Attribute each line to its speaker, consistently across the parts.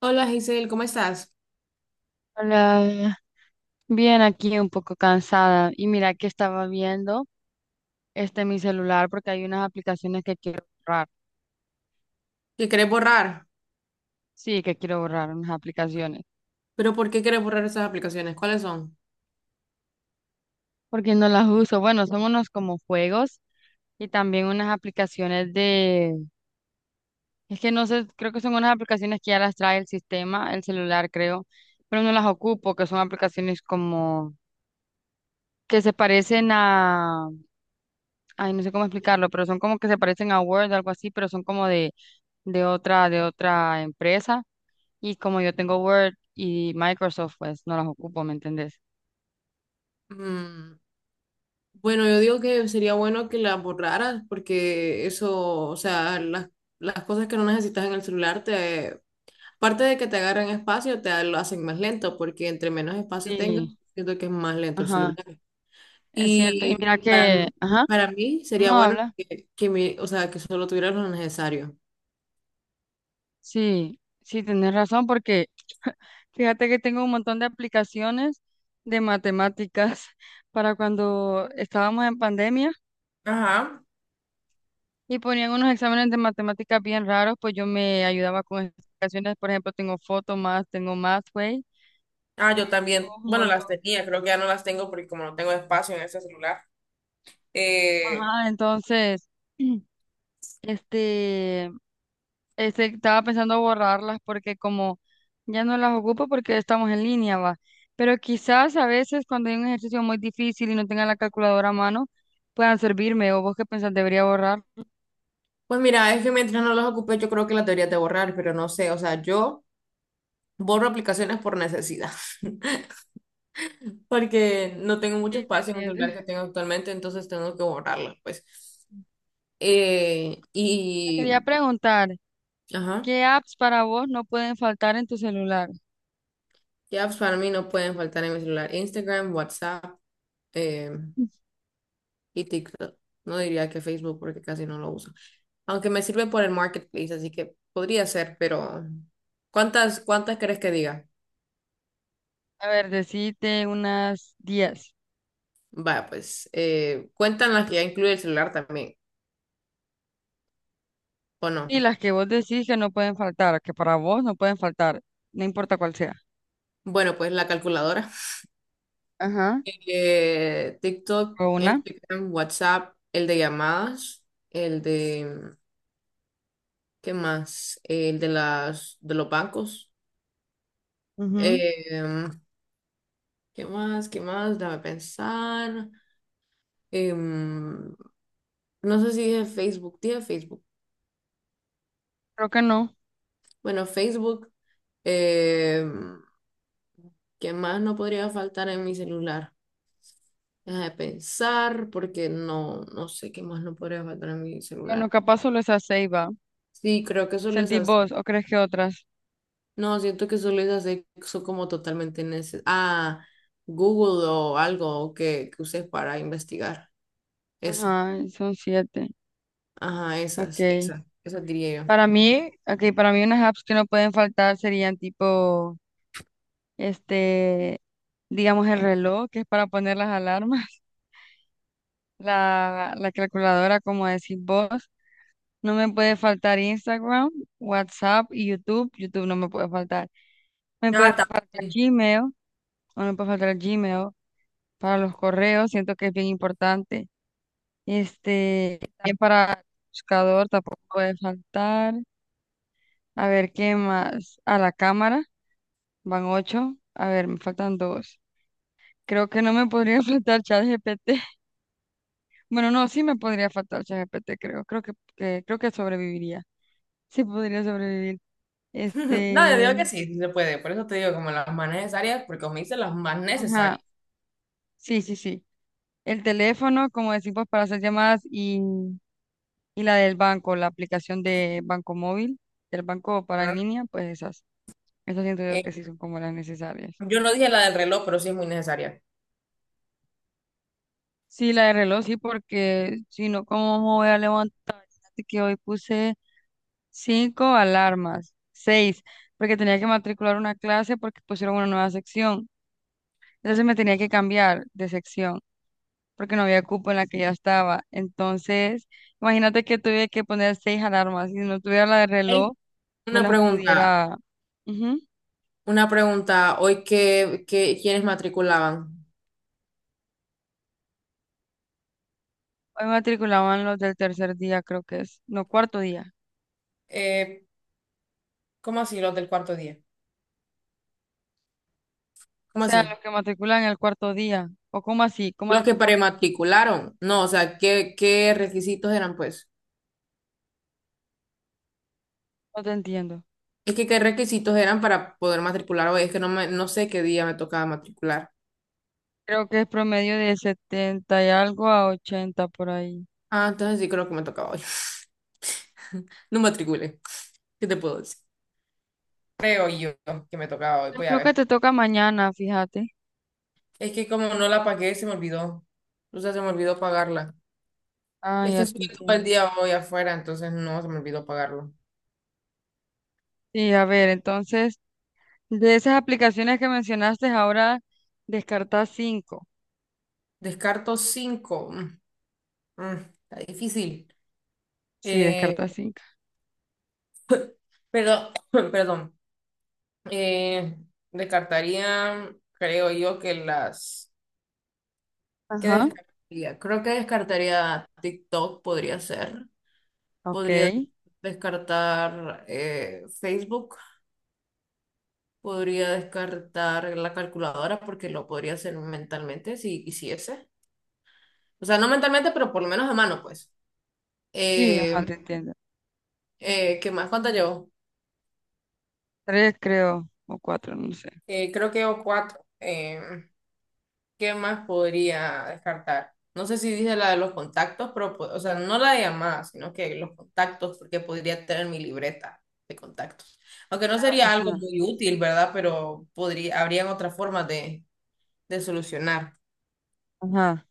Speaker 1: Hola Giselle, ¿cómo estás?
Speaker 2: Hola, bien aquí un poco cansada y mira que estaba viendo este mi celular porque hay unas aplicaciones que quiero borrar.
Speaker 1: ¿Qué querés borrar?
Speaker 2: Sí, que quiero borrar unas aplicaciones
Speaker 1: ¿Pero por qué querés borrar esas aplicaciones? ¿Cuáles son?
Speaker 2: porque no las uso. Bueno, son unos como juegos y también unas aplicaciones de es que no sé, creo que son unas aplicaciones que ya las trae el sistema, el celular creo, pero no las ocupo, que son aplicaciones como que se parecen a ay, no sé cómo explicarlo, pero son como que se parecen a Word, algo así, pero son como de otra, empresa, y como yo tengo Word y Microsoft, pues no las ocupo, ¿me entendés?
Speaker 1: Mm, bueno, yo digo que sería bueno que las borraras porque eso, o sea, las cosas que no necesitas en el celular, te, aparte de que te agarran espacio, te lo hacen más lento porque entre menos espacio tengas,
Speaker 2: Sí,
Speaker 1: siento que es más lento el
Speaker 2: ajá,
Speaker 1: celular.
Speaker 2: es cierto. Y
Speaker 1: Y
Speaker 2: mira
Speaker 1: para,
Speaker 2: que, ajá,
Speaker 1: para mí sería
Speaker 2: no
Speaker 1: bueno
Speaker 2: habla.
Speaker 1: que, o sea, que solo tuvieras lo necesario.
Speaker 2: Sí, sí, tenés razón porque fíjate que tengo un montón de aplicaciones de matemáticas para cuando estábamos en pandemia
Speaker 1: Ajá.
Speaker 2: y ponían unos exámenes de matemáticas bien raros, pues yo me ayudaba con esas aplicaciones. Por ejemplo, tengo Photomath, tengo Mathway,
Speaker 1: Ah, yo también,
Speaker 2: un
Speaker 1: bueno, las
Speaker 2: montón.
Speaker 1: tenía, creo que ya no las tengo porque como no tengo espacio en ese celular. Eh,
Speaker 2: Ajá, entonces... Este, estaba pensando borrarlas porque como ya no las ocupo porque estamos en línea, va. Pero quizás a veces cuando hay un ejercicio muy difícil y no tenga la calculadora a mano, puedan servirme. ¿O vos qué pensás? ¿Debería borrar?
Speaker 1: Pues mira, es que mientras no las ocupé, yo creo que las deberías de borrar, pero no sé, o sea, yo borro aplicaciones por necesidad, porque no tengo mucho
Speaker 2: Sí, te
Speaker 1: espacio en el
Speaker 2: entiendo.
Speaker 1: celular que tengo actualmente, entonces tengo que borrarlas, pues. Eh,
Speaker 2: Te quería
Speaker 1: y,
Speaker 2: preguntar,
Speaker 1: ajá,
Speaker 2: ¿qué apps para vos no pueden faltar en tu celular?
Speaker 1: ya apps para mí no pueden faltar en mi celular. Instagram, WhatsApp, eh, y TikTok. No diría que Facebook porque casi no lo uso. Aunque me sirve por el marketplace, así que podría ser, pero ¿cuántas crees que diga?
Speaker 2: A ver, decite unas 10.
Speaker 1: Va, pues cuentan las que ya incluye el celular también, ¿o no?
Speaker 2: Y las que vos decís que no pueden faltar, que para vos no pueden faltar, no importa cuál sea.
Speaker 1: Bueno, pues la calculadora.
Speaker 2: Ajá.
Speaker 1: TikTok,
Speaker 2: ¿O una?
Speaker 1: Instagram, WhatsApp, el de llamadas, el de, ¿qué más? El de las, de los bancos.
Speaker 2: Ujú.
Speaker 1: Em, ¿qué más? ¿Qué más? Déjame pensar. Eh, No sé si dije Facebook, dije Facebook.
Speaker 2: Creo que no.
Speaker 1: Bueno, Facebook, eh, ¿qué más no podría faltar en mi celular? Deja de pensar porque no, no sé qué más no podría faltar en mi
Speaker 2: Bueno,
Speaker 1: celular.
Speaker 2: capaz solo esa seis va.
Speaker 1: Sí, creo que solo
Speaker 2: ¿Sentís
Speaker 1: esas,
Speaker 2: vos o crees que otras?
Speaker 1: no, siento que solo esas son como totalmente necesarias. Ah, Google o algo que uses para investigar. Eso,
Speaker 2: Ajá, son siete.
Speaker 1: ajá,
Speaker 2: Ok.
Speaker 1: esas diría yo.
Speaker 2: Para mí, ok, para mí unas apps que no pueden faltar serían tipo, este, digamos el reloj, que es para poner las alarmas, la calculadora, como decís vos. No me puede faltar Instagram, WhatsApp y YouTube. YouTube no me puede faltar. Me puede
Speaker 1: Ah,
Speaker 2: faltar
Speaker 1: también.
Speaker 2: Gmail, o no me puede faltar Gmail para los correos. Siento que es bien importante. Este, también para el buscador tampoco puede faltar. A ver, ¿qué más? A la cámara, van ocho. A ver, me faltan dos. Creo que no me podría faltar ChatGPT. Bueno, no, sí me podría faltar ChatGPT, creo. Creo creo que sobreviviría. Sí podría sobrevivir.
Speaker 1: No, yo
Speaker 2: Este,
Speaker 1: digo que sí, sí se puede. Por eso te digo como las más necesarias, porque me hice las más necesarias.
Speaker 2: ajá, sí, sí, sí. El teléfono, como decimos, para hacer llamadas y la del banco, la aplicación de banco móvil, del banco para en
Speaker 1: Ajá.
Speaker 2: línea, pues esas. Esas siento yo
Speaker 1: Eh,
Speaker 2: que sí son como las necesarias.
Speaker 1: yo no dije la del reloj, pero sí es muy necesaria.
Speaker 2: Sí, la de reloj, sí, porque si no, ¿cómo me voy a levantar? Que hoy puse cinco alarmas, seis, porque tenía que matricular una clase porque pusieron una nueva sección. Entonces me tenía que cambiar de sección porque no había cupo en la que ya estaba. Entonces, imagínate que tuve que poner seis alarmas. Si no tuviera la de reloj,
Speaker 1: Ey,
Speaker 2: no
Speaker 1: Una
Speaker 2: las
Speaker 1: pregunta,
Speaker 2: pudiera. Ujú.
Speaker 1: una pregunta. Hoy ¿quiénes matriculaban?
Speaker 2: Hoy matriculaban los del tercer día, creo que es. No, cuarto día.
Speaker 1: Eh, ¿Cómo así los del cuarto día?
Speaker 2: O
Speaker 1: ¿Cómo
Speaker 2: sea,
Speaker 1: así?
Speaker 2: los que matriculan el cuarto día. ¿O cómo así?
Speaker 1: Los que prematricularon. No, o sea, ¿qué, qué requisitos eran, pues?
Speaker 2: No te entiendo.
Speaker 1: Es que qué requisitos eran para poder matricular hoy. Es que no sé qué día me tocaba matricular.
Speaker 2: Creo que es promedio de 70 y algo a 80 por ahí.
Speaker 1: Ah, entonces sí creo que me tocaba hoy. No matriculé. ¿Qué te puedo decir? Creo yo que me tocaba hoy.
Speaker 2: Yo
Speaker 1: Voy a
Speaker 2: creo que
Speaker 1: ver.
Speaker 2: te toca mañana, fíjate.
Speaker 1: Es que como no la pagué, se me olvidó. O sea, se me olvidó pagarla.
Speaker 2: Ah,
Speaker 1: Es que
Speaker 2: ya te
Speaker 1: estuve todo el
Speaker 2: entiendo.
Speaker 1: día hoy afuera, entonces no, se me olvidó pagarlo.
Speaker 2: Sí, a ver, entonces, de esas aplicaciones que mencionaste, ahora descartas cinco.
Speaker 1: Descarto 5. Está difícil.
Speaker 2: Sí, descartas
Speaker 1: Eh,
Speaker 2: cinco.
Speaker 1: pero, perdón. Eh, descartaría, creo yo que las... ¿Qué
Speaker 2: Ajá.
Speaker 1: descartaría? Creo que descartaría TikTok, podría ser.
Speaker 2: Ok.
Speaker 1: Podría descartar Facebook. Podría descartar la calculadora porque lo podría hacer mentalmente si quisiese. O sea, no mentalmente, pero por lo menos a mano, pues.
Speaker 2: Sí, ajá,
Speaker 1: Eh,
Speaker 2: te entiendo.
Speaker 1: ¿Qué más? ¿Cuánto llevo?
Speaker 2: Tres creo, o cuatro, no sé.
Speaker 1: Creo que llevo cuatro. ¿Qué más podría descartar? No sé si dije la de los contactos, pero, o sea, no la de llamadas, sino que los contactos, porque podría tener mi libreta de contactos. Aunque no sería algo
Speaker 2: Ajá.
Speaker 1: muy útil, ¿verdad? Pero podría, habrían otras formas de solucionar.
Speaker 2: Ajá.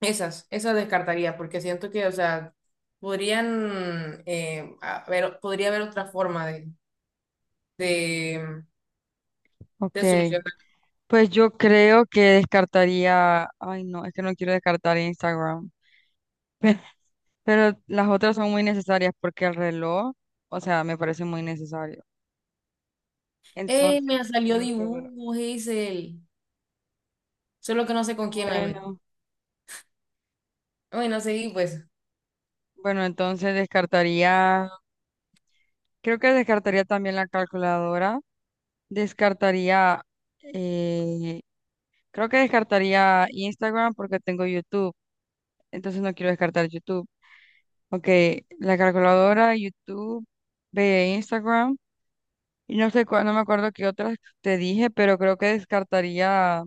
Speaker 1: Esas descartaría, porque siento que, o sea, podrían haber, podría haber otra forma de, de
Speaker 2: Ok.
Speaker 1: solucionar.
Speaker 2: Pues yo creo que descartaría, ay no, es que no quiero descartar Instagram, pero las otras son muy necesarias porque el reloj, o sea, me parece muy necesario.
Speaker 1: ¡Ey!
Speaker 2: Entonces,
Speaker 1: Me salió
Speaker 2: me sirve.
Speaker 1: dibujo, Hazel. Solo que no sé
Speaker 2: Qué
Speaker 1: con quién me metí.
Speaker 2: bueno,
Speaker 1: Bueno, seguí, pues,
Speaker 2: bueno, entonces descartaría, creo que descartaría también la calculadora, descartaría, eh, creo que descartaría Instagram porque tengo YouTube, entonces no quiero descartar YouTube. Ok, la calculadora, YouTube, ve Instagram. Y no sé cuál, no me acuerdo qué otras te dije, pero creo que descartaría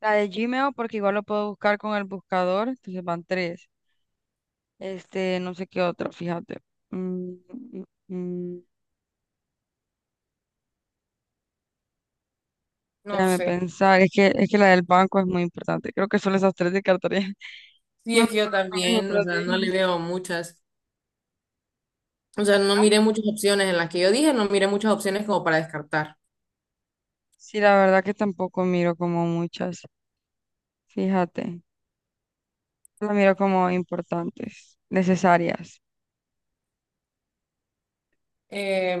Speaker 2: la de Gmail porque igual lo puedo buscar con el buscador, entonces van tres. Este, no sé qué otra, fíjate. Mm, mm, mm,
Speaker 1: no
Speaker 2: déjame
Speaker 1: sé.
Speaker 2: pensar, es que la del banco es muy importante. Creo que solo esas tres descartaría.
Speaker 1: Sí,
Speaker 2: No me
Speaker 1: es que yo
Speaker 2: acuerdo cuáles
Speaker 1: también, o
Speaker 2: otras
Speaker 1: sea, no le
Speaker 2: dije.
Speaker 1: veo muchas. O sea, no
Speaker 2: Ah,
Speaker 1: miré muchas opciones en las que yo dije, no miré muchas opciones como para descartar.
Speaker 2: sí, la verdad que tampoco miro como muchas, fíjate. Las miro como importantes, necesarias.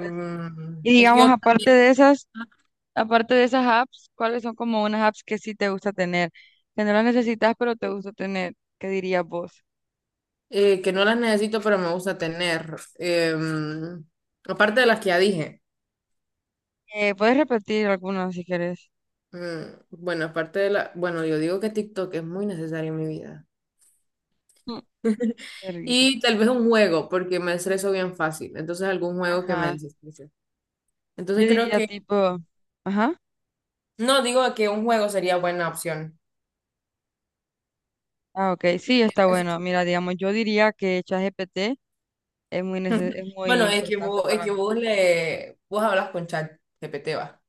Speaker 2: Así. Y
Speaker 1: es que
Speaker 2: digamos,
Speaker 1: yo
Speaker 2: aparte
Speaker 1: también,
Speaker 2: de esas. Aparte de esas apps, ¿cuáles son como unas apps que sí te gusta tener? Que no las necesitas, pero te gusta tener. ¿Qué dirías vos?
Speaker 1: que no las necesito, pero me gusta tener. Em, aparte de las que ya dije.
Speaker 2: Puedes repetir algunas si querés.
Speaker 1: Mm, bueno, aparte de la, bueno, yo digo que TikTok es muy necesario en mi vida.
Speaker 2: Mm, ¿Qué risa?
Speaker 1: Y tal vez un juego, porque me estreso bien fácil. Entonces, algún juego que me
Speaker 2: Ajá.
Speaker 1: desestrese.
Speaker 2: Yo
Speaker 1: Entonces, creo
Speaker 2: diría
Speaker 1: que,
Speaker 2: tipo, ajá.
Speaker 1: no digo que un juego sería buena opción.
Speaker 2: Ah, ok. Sí, está
Speaker 1: Eso.
Speaker 2: bueno. Mira, digamos, yo diría que ChatGPT es muy
Speaker 1: Bueno,
Speaker 2: importante
Speaker 1: es
Speaker 2: para
Speaker 1: que
Speaker 2: mí.
Speaker 1: vos le, vos hablas con ChatGPT, va.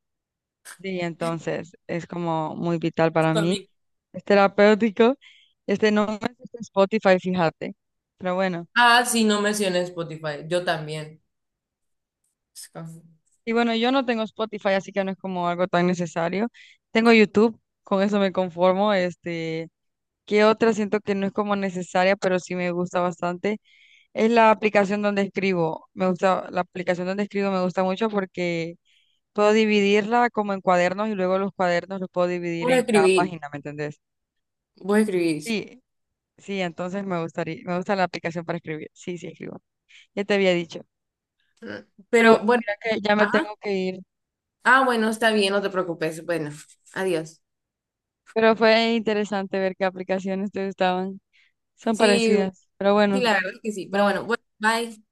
Speaker 2: Sí, entonces es como muy vital para mí.
Speaker 1: También.
Speaker 2: Es terapéutico. Este no me gusta Spotify, fíjate. Pero bueno.
Speaker 1: Ah, sí, no mencioné Spotify. Yo también.
Speaker 2: Y bueno, yo no tengo Spotify, así que no es como algo tan necesario. Tengo YouTube, con eso me conformo. Este, ¿qué otra siento que no es como necesaria, pero sí me gusta bastante? Es la aplicación donde escribo. Me gusta, la aplicación donde escribo me gusta mucho porque puedo dividirla como en cuadernos y luego los cuadernos los puedo dividir
Speaker 1: Vos
Speaker 2: en cada
Speaker 1: escribís,
Speaker 2: página, ¿me entendés?
Speaker 1: vos escribís.
Speaker 2: Sí, sí, entonces me gustaría, me gusta la aplicación para escribir. Sí, sí, escribo. Ya te había dicho.
Speaker 1: Mm,
Speaker 2: Pero
Speaker 1: pero
Speaker 2: bueno,
Speaker 1: bueno,
Speaker 2: mira que ya me
Speaker 1: ajá.
Speaker 2: tengo que ir.
Speaker 1: Ah, bueno, está bien, no te preocupes. Bueno, adiós.
Speaker 2: Pero fue interesante ver qué aplicaciones te gustaban. Son
Speaker 1: Sí.
Speaker 2: parecidas, pero
Speaker 1: Sí,
Speaker 2: bueno,
Speaker 1: la verdad es que sí. Pero
Speaker 2: bye.
Speaker 1: bueno, bueno, bye.